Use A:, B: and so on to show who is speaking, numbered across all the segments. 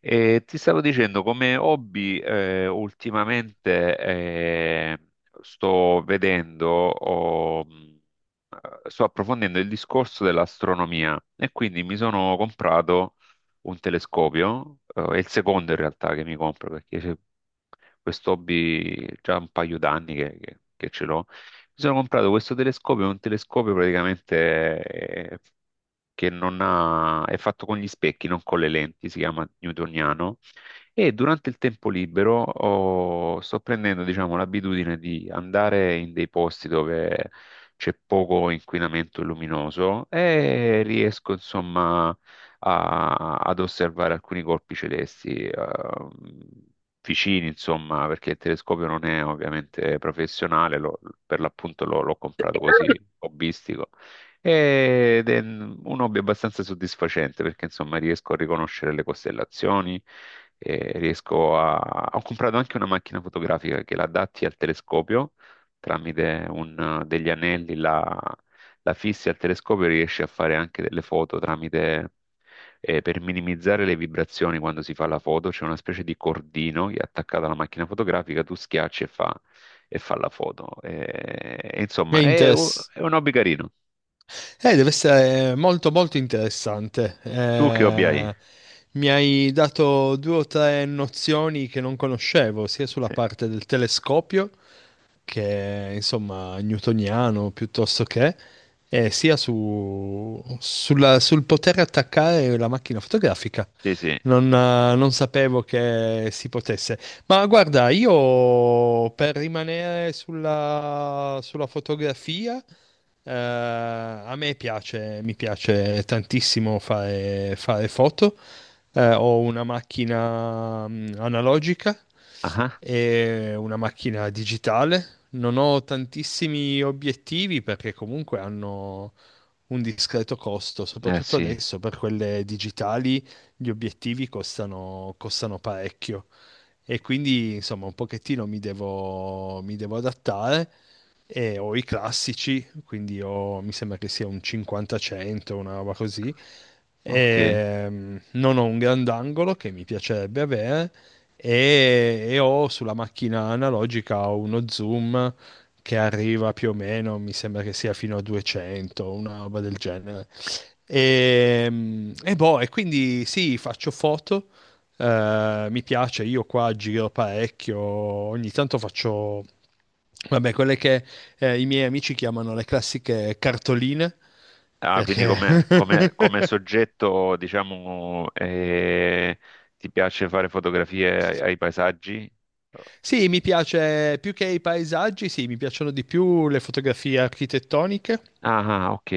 A: E ti stavo dicendo, come hobby, ultimamente sto vedendo, o, sto approfondendo il discorso dell'astronomia e quindi mi sono comprato un telescopio, è il secondo in realtà che mi compro perché c'è questo hobby già un paio d'anni che ce l'ho. Mi sono comprato questo telescopio, è un telescopio praticamente che non ha, è fatto con gli specchi, non con le lenti, si chiama newtoniano. E durante il tempo libero sto prendendo, diciamo, l'abitudine di andare in dei posti dove c'è poco inquinamento luminoso e riesco, insomma, ad osservare alcuni colpi celesti. Vicini, insomma, perché il telescopio non è ovviamente professionale, per l'appunto l'ho comprato così, hobbistico. Ed è un hobby abbastanza soddisfacente perché insomma riesco a riconoscere le costellazioni, e riesco a... Ho comprato anche una macchina fotografica che la adatti al telescopio tramite degli anelli, la, la fissi al telescopio e riesci a fare anche delle foto tramite... per minimizzare le vibrazioni quando si fa la foto c'è una specie di cordino che è attaccato alla macchina fotografica, tu schiacci e fa la foto. E
B: È
A: insomma,
B: interess-
A: è un hobby carino.
B: Deve essere molto molto interessante.
A: Tu che hobby hai?
B: Mi hai dato due o tre nozioni che non conoscevo, sia sulla
A: Sì,
B: parte del telescopio che è, insomma, newtoniano, piuttosto che, sia sul poter attaccare la macchina fotografica.
A: sì, sì.
B: Non sapevo che si potesse. Ma guarda, io per rimanere sulla fotografia, mi piace tantissimo fare foto. Ho una macchina analogica
A: Ah,
B: e una macchina digitale. Non ho tantissimi obiettivi perché comunque hanno un discreto costo,
A: eh
B: soprattutto
A: sì,
B: adesso per quelle digitali. Gli obiettivi costano parecchio, e quindi, insomma, un pochettino mi devo adattare, e ho i classici. Quindi mi sembra che sia un 50-100, una roba così.
A: ok.
B: Non ho un grandangolo che mi piacerebbe avere, e ho sulla macchina analogica uno zoom che arriva più o meno, mi sembra che sia fino a 200, una roba del genere. Boh, e quindi sì, faccio foto. Mi piace, io qua giro parecchio, ogni tanto faccio, vabbè, quelle che i miei amici chiamano le classiche cartoline,
A: Ah, quindi
B: perché
A: come soggetto, diciamo, ti piace fare fotografie ai, ai paesaggi?
B: sì, mi piace più che i paesaggi, sì, mi piacciono di più le fotografie architettoniche.
A: Ah, ah, ok.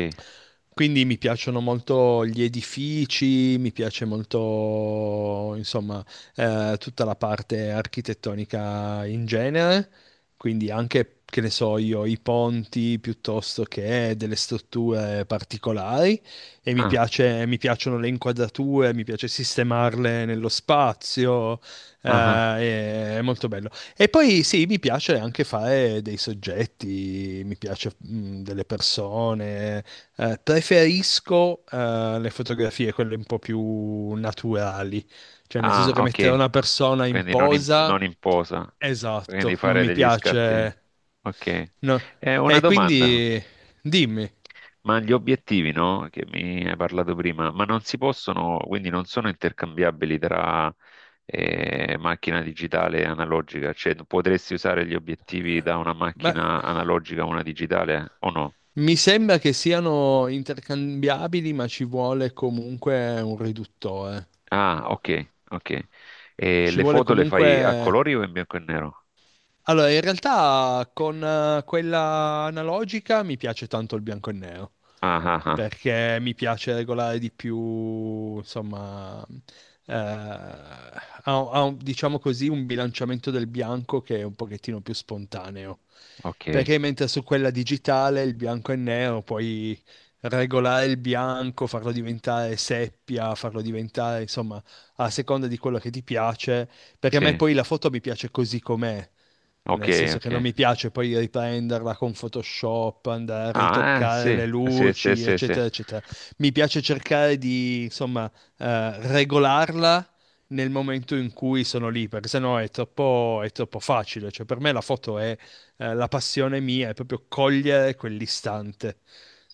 B: Quindi mi piacciono molto gli edifici, mi piace molto, insomma, tutta la parte architettonica in genere. Quindi anche, che ne so io, i ponti piuttosto che delle strutture particolari, e mi
A: Ah,
B: piace, mi piacciono le inquadrature, mi piace sistemarle nello spazio. eh,
A: ah, ah,
B: è è molto bello. E poi sì, mi piace anche fare dei soggetti, mi piace delle persone. Preferisco le fotografie, quelle un po' più naturali, cioè nel senso
A: ah,
B: che mettere
A: ok.
B: una persona in
A: Quindi non in,
B: posa,
A: non in posa, quindi
B: esatto, non
A: fare
B: mi
A: degli scatti.
B: piace.
A: Ok.
B: No.
A: Una
B: E
A: domanda.
B: quindi dimmi,
A: Ma gli obiettivi, no? Che mi hai parlato prima, ma non si possono, quindi non sono intercambiabili tra macchina digitale e analogica, cioè potresti usare gli obiettivi da una
B: ma
A: macchina analogica a una digitale o no?
B: mi sembra che siano intercambiabili, ma ci vuole comunque un riduttore.
A: Ah, ok, ok. E
B: Ci
A: le
B: vuole
A: foto le fai a
B: comunque.
A: colori o in bianco e nero?
B: Allora, in realtà con quella analogica mi piace tanto il bianco e nero,
A: Ah, ah, ah,
B: perché mi piace regolare di più, insomma. eh, ha- diciamo così, un bilanciamento del bianco che è un pochettino più spontaneo.
A: ok,
B: Perché mentre su quella digitale il bianco e nero puoi regolare il bianco, farlo diventare seppia, farlo diventare, insomma, a seconda di quello che ti piace. Perché a me
A: sì,
B: poi la foto mi piace così com'è.
A: ok,
B: Nel senso che
A: ok.
B: non mi piace poi riprenderla con Photoshop, andare a
A: Ah,
B: ritoccare
A: sì,
B: le
A: sì, sì,
B: luci,
A: sì, sì,
B: eccetera, eccetera. Mi piace cercare di, insomma, regolarla nel momento in cui sono lì, perché sennò è troppo facile. Cioè, per me la foto è, la passione mia, è proprio cogliere quell'istante.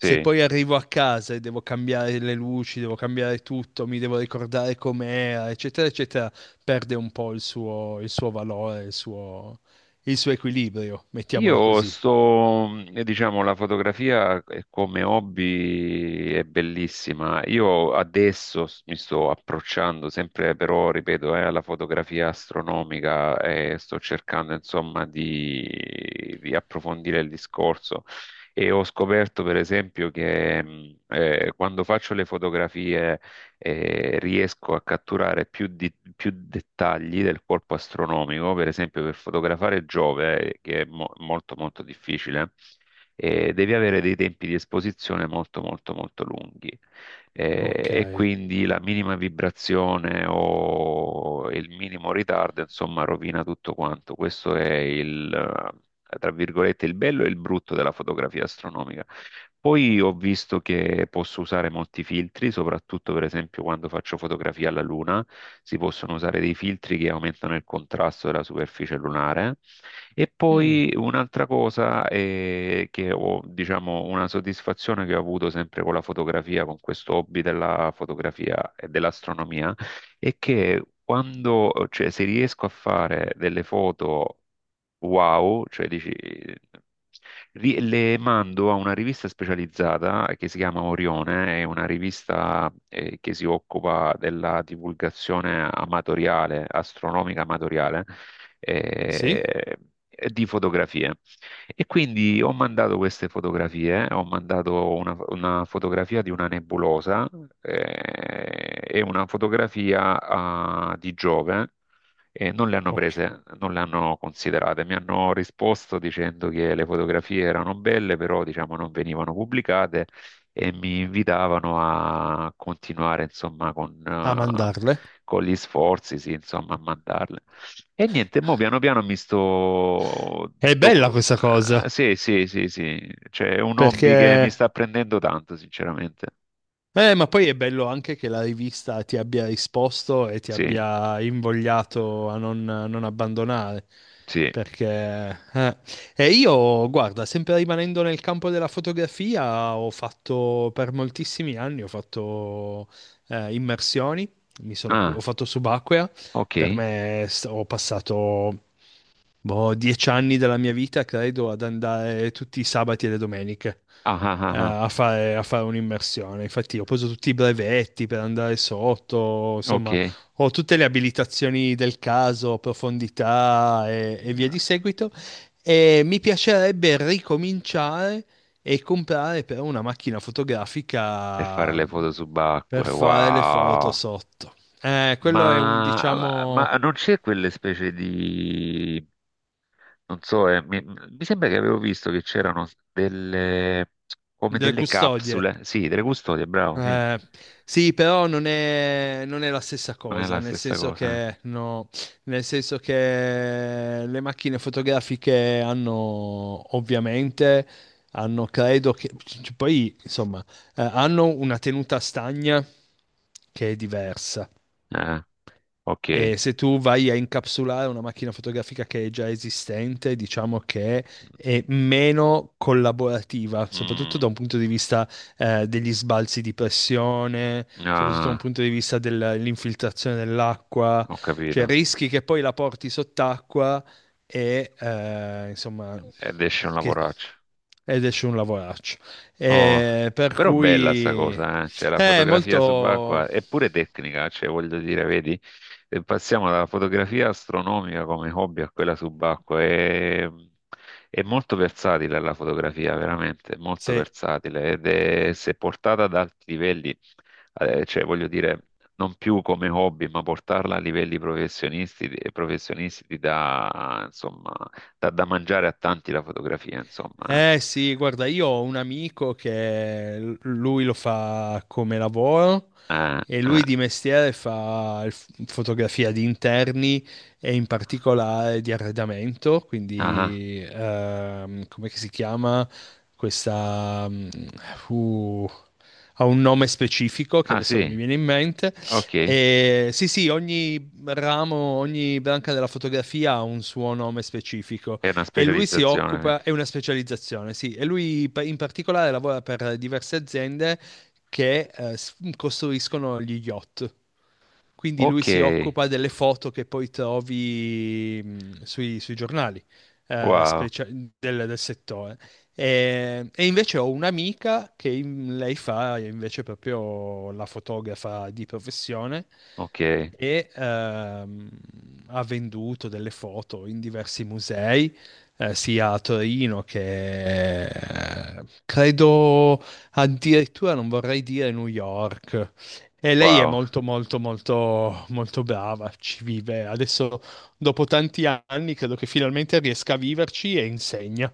B: Se poi arrivo a casa e devo cambiare le luci, devo cambiare tutto, mi devo ricordare com'era, eccetera, eccetera, perde un po' il suo valore, il suo equilibrio, mettiamola
A: Io
B: così.
A: sto, diciamo, la fotografia come hobby è bellissima. Io adesso mi sto approcciando sempre, però, ripeto, alla fotografia astronomica e sto cercando, insomma, di approfondire il discorso. E ho scoperto, per esempio, che quando faccio le fotografie riesco a catturare più dettagli del corpo astronomico, per esempio per fotografare Giove, che è molto molto difficile, devi avere dei tempi di esposizione molto molto molto lunghi
B: Ok.
A: e quindi la minima vibrazione o il minimo ritardo, insomma, rovina tutto quanto. Questo è tra virgolette, il bello e il brutto della fotografia astronomica. Poi ho visto che posso usare molti filtri, soprattutto per esempio quando faccio fotografia alla luna, si possono usare dei filtri che aumentano il contrasto della superficie lunare. E
B: Mm.
A: poi un'altra cosa che ho, diciamo, una soddisfazione che ho avuto sempre con la fotografia, con questo hobby della fotografia e dell'astronomia, è che quando, cioè, se riesco a fare delle foto wow, cioè dici, le mando a una rivista specializzata che si chiama Orione, è una rivista che si occupa della divulgazione amatoriale, astronomica amatoriale,
B: Sì?
A: eh, e di fotografie. E quindi ho mandato queste fotografie, ho mandato una fotografia di una nebulosa e una fotografia di Giove e non le hanno
B: Ok.
A: prese, non le hanno considerate. Mi hanno risposto dicendo che le fotografie erano belle, però diciamo non venivano pubblicate e mi invitavano a continuare insomma
B: A mandarle.
A: con gli sforzi, sì, insomma, a mandarle. E niente, mo piano piano mi sto...
B: È bella
A: do-
B: questa cosa,
A: Sì, sì, sì, sì, cioè è un hobby che mi
B: perché...
A: sta prendendo tanto, sinceramente.
B: Ma poi è bello anche che la rivista ti abbia risposto e ti
A: Sì,
B: abbia invogliato a non abbandonare.
A: sì.
B: Perché... eh. E io, guarda, sempre rimanendo nel campo della fotografia, ho fatto per moltissimi anni, ho fatto immersioni, ho
A: Ah,
B: fatto subacquea.
A: ok.
B: Ho passato, boh, 10 anni della mia vita, credo, ad andare tutti i sabati e le domeniche
A: Ah, ah, ah,
B: eh,
A: ah.
B: a fare, a fare un'immersione. Infatti ho preso tutti i brevetti per andare sotto, insomma,
A: Ok.
B: ho tutte le abilitazioni del caso, profondità e via di seguito. E mi piacerebbe ricominciare e comprare però una macchina
A: Per fare
B: fotografica
A: le foto
B: per
A: subacquee,
B: fare le foto
A: wow!
B: sotto. Quello è un, diciamo,
A: Ma non c'è quelle specie di... Non so, mi, mi sembra che avevo visto che c'erano delle... come
B: delle
A: delle
B: custodie.
A: capsule. Sì, delle custodie, bravo, sì.
B: Eh, sì, però non è la stessa
A: Non è
B: cosa,
A: la
B: nel
A: stessa
B: senso
A: cosa.
B: che, no, nel senso che le macchine fotografiche hanno, ovviamente, hanno, credo che, poi, insomma, hanno una tenuta stagna che è diversa.
A: Eh. Ok.
B: E se tu vai a incapsulare una macchina fotografica che è già esistente, diciamo che è meno collaborativa, soprattutto
A: Mm,
B: da un punto di vista degli sbalzi di pressione,
A: mm,
B: soprattutto da un
A: ah,
B: punto di vista dell'infiltrazione dell'acqua,
A: ho
B: cioè
A: capito.
B: rischi che poi la porti sott'acqua e insomma
A: Ed esce un
B: che,
A: lavoraccio.
B: ed esce un lavoraccio.
A: Oh,
B: Per
A: però bella sta
B: cui, eh,
A: cosa, eh? Cioè la
B: è
A: fotografia subacquea
B: molto...
A: è pure tecnica, cioè voglio dire, vedi, passiamo dalla fotografia astronomica come hobby a quella subacquea, è molto versatile la fotografia, veramente, molto
B: Sì.
A: versatile ed è, se portata ad alti livelli, cioè voglio dire, non più come hobby, ma portarla a livelli professionisti, professionisti ti dà, insomma, dà da mangiare a tanti la fotografia, insomma. Eh.
B: Eh sì, guarda, io ho un amico che lui lo fa come lavoro, e lui di
A: Eh.
B: mestiere fa fotografia di interni, e in particolare di arredamento.
A: Ah, ah,
B: Quindi come che si chiama questa... uh, ha un nome specifico che
A: ah
B: adesso non mi
A: sì,
B: viene in mente.
A: ok,
B: E sì, sì, ogni ramo, ogni branca della fotografia ha un suo nome specifico,
A: è una
B: e lui si
A: specializzazione.
B: occupa, è una specializzazione, sì, e lui in particolare lavora per diverse aziende che costruiscono gli yacht. Quindi lui
A: Ok,
B: si occupa delle foto che poi trovi sui giornali eh,
A: wow,
B: specia- del, del settore. E invece ho un'amica che lei fa invece proprio la fotografa di professione,
A: ok,
B: e ha venduto delle foto in diversi musei, sia a Torino che credo addirittura non vorrei dire New York. E lei è
A: wow,
B: molto, molto, molto, molto brava, ci vive. Adesso, dopo tanti anni, credo che finalmente riesca a viverci, e insegna.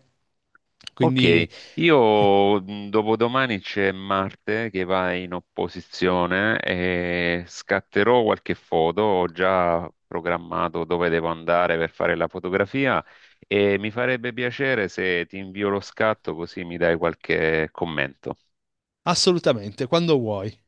A: ok.
B: Quindi,
A: Io dopodomani c'è Marte che va in opposizione e scatterò qualche foto, ho già programmato dove devo andare per fare la fotografia e mi farebbe piacere se ti invio lo scatto così mi dai qualche commento.
B: assolutamente, quando vuoi.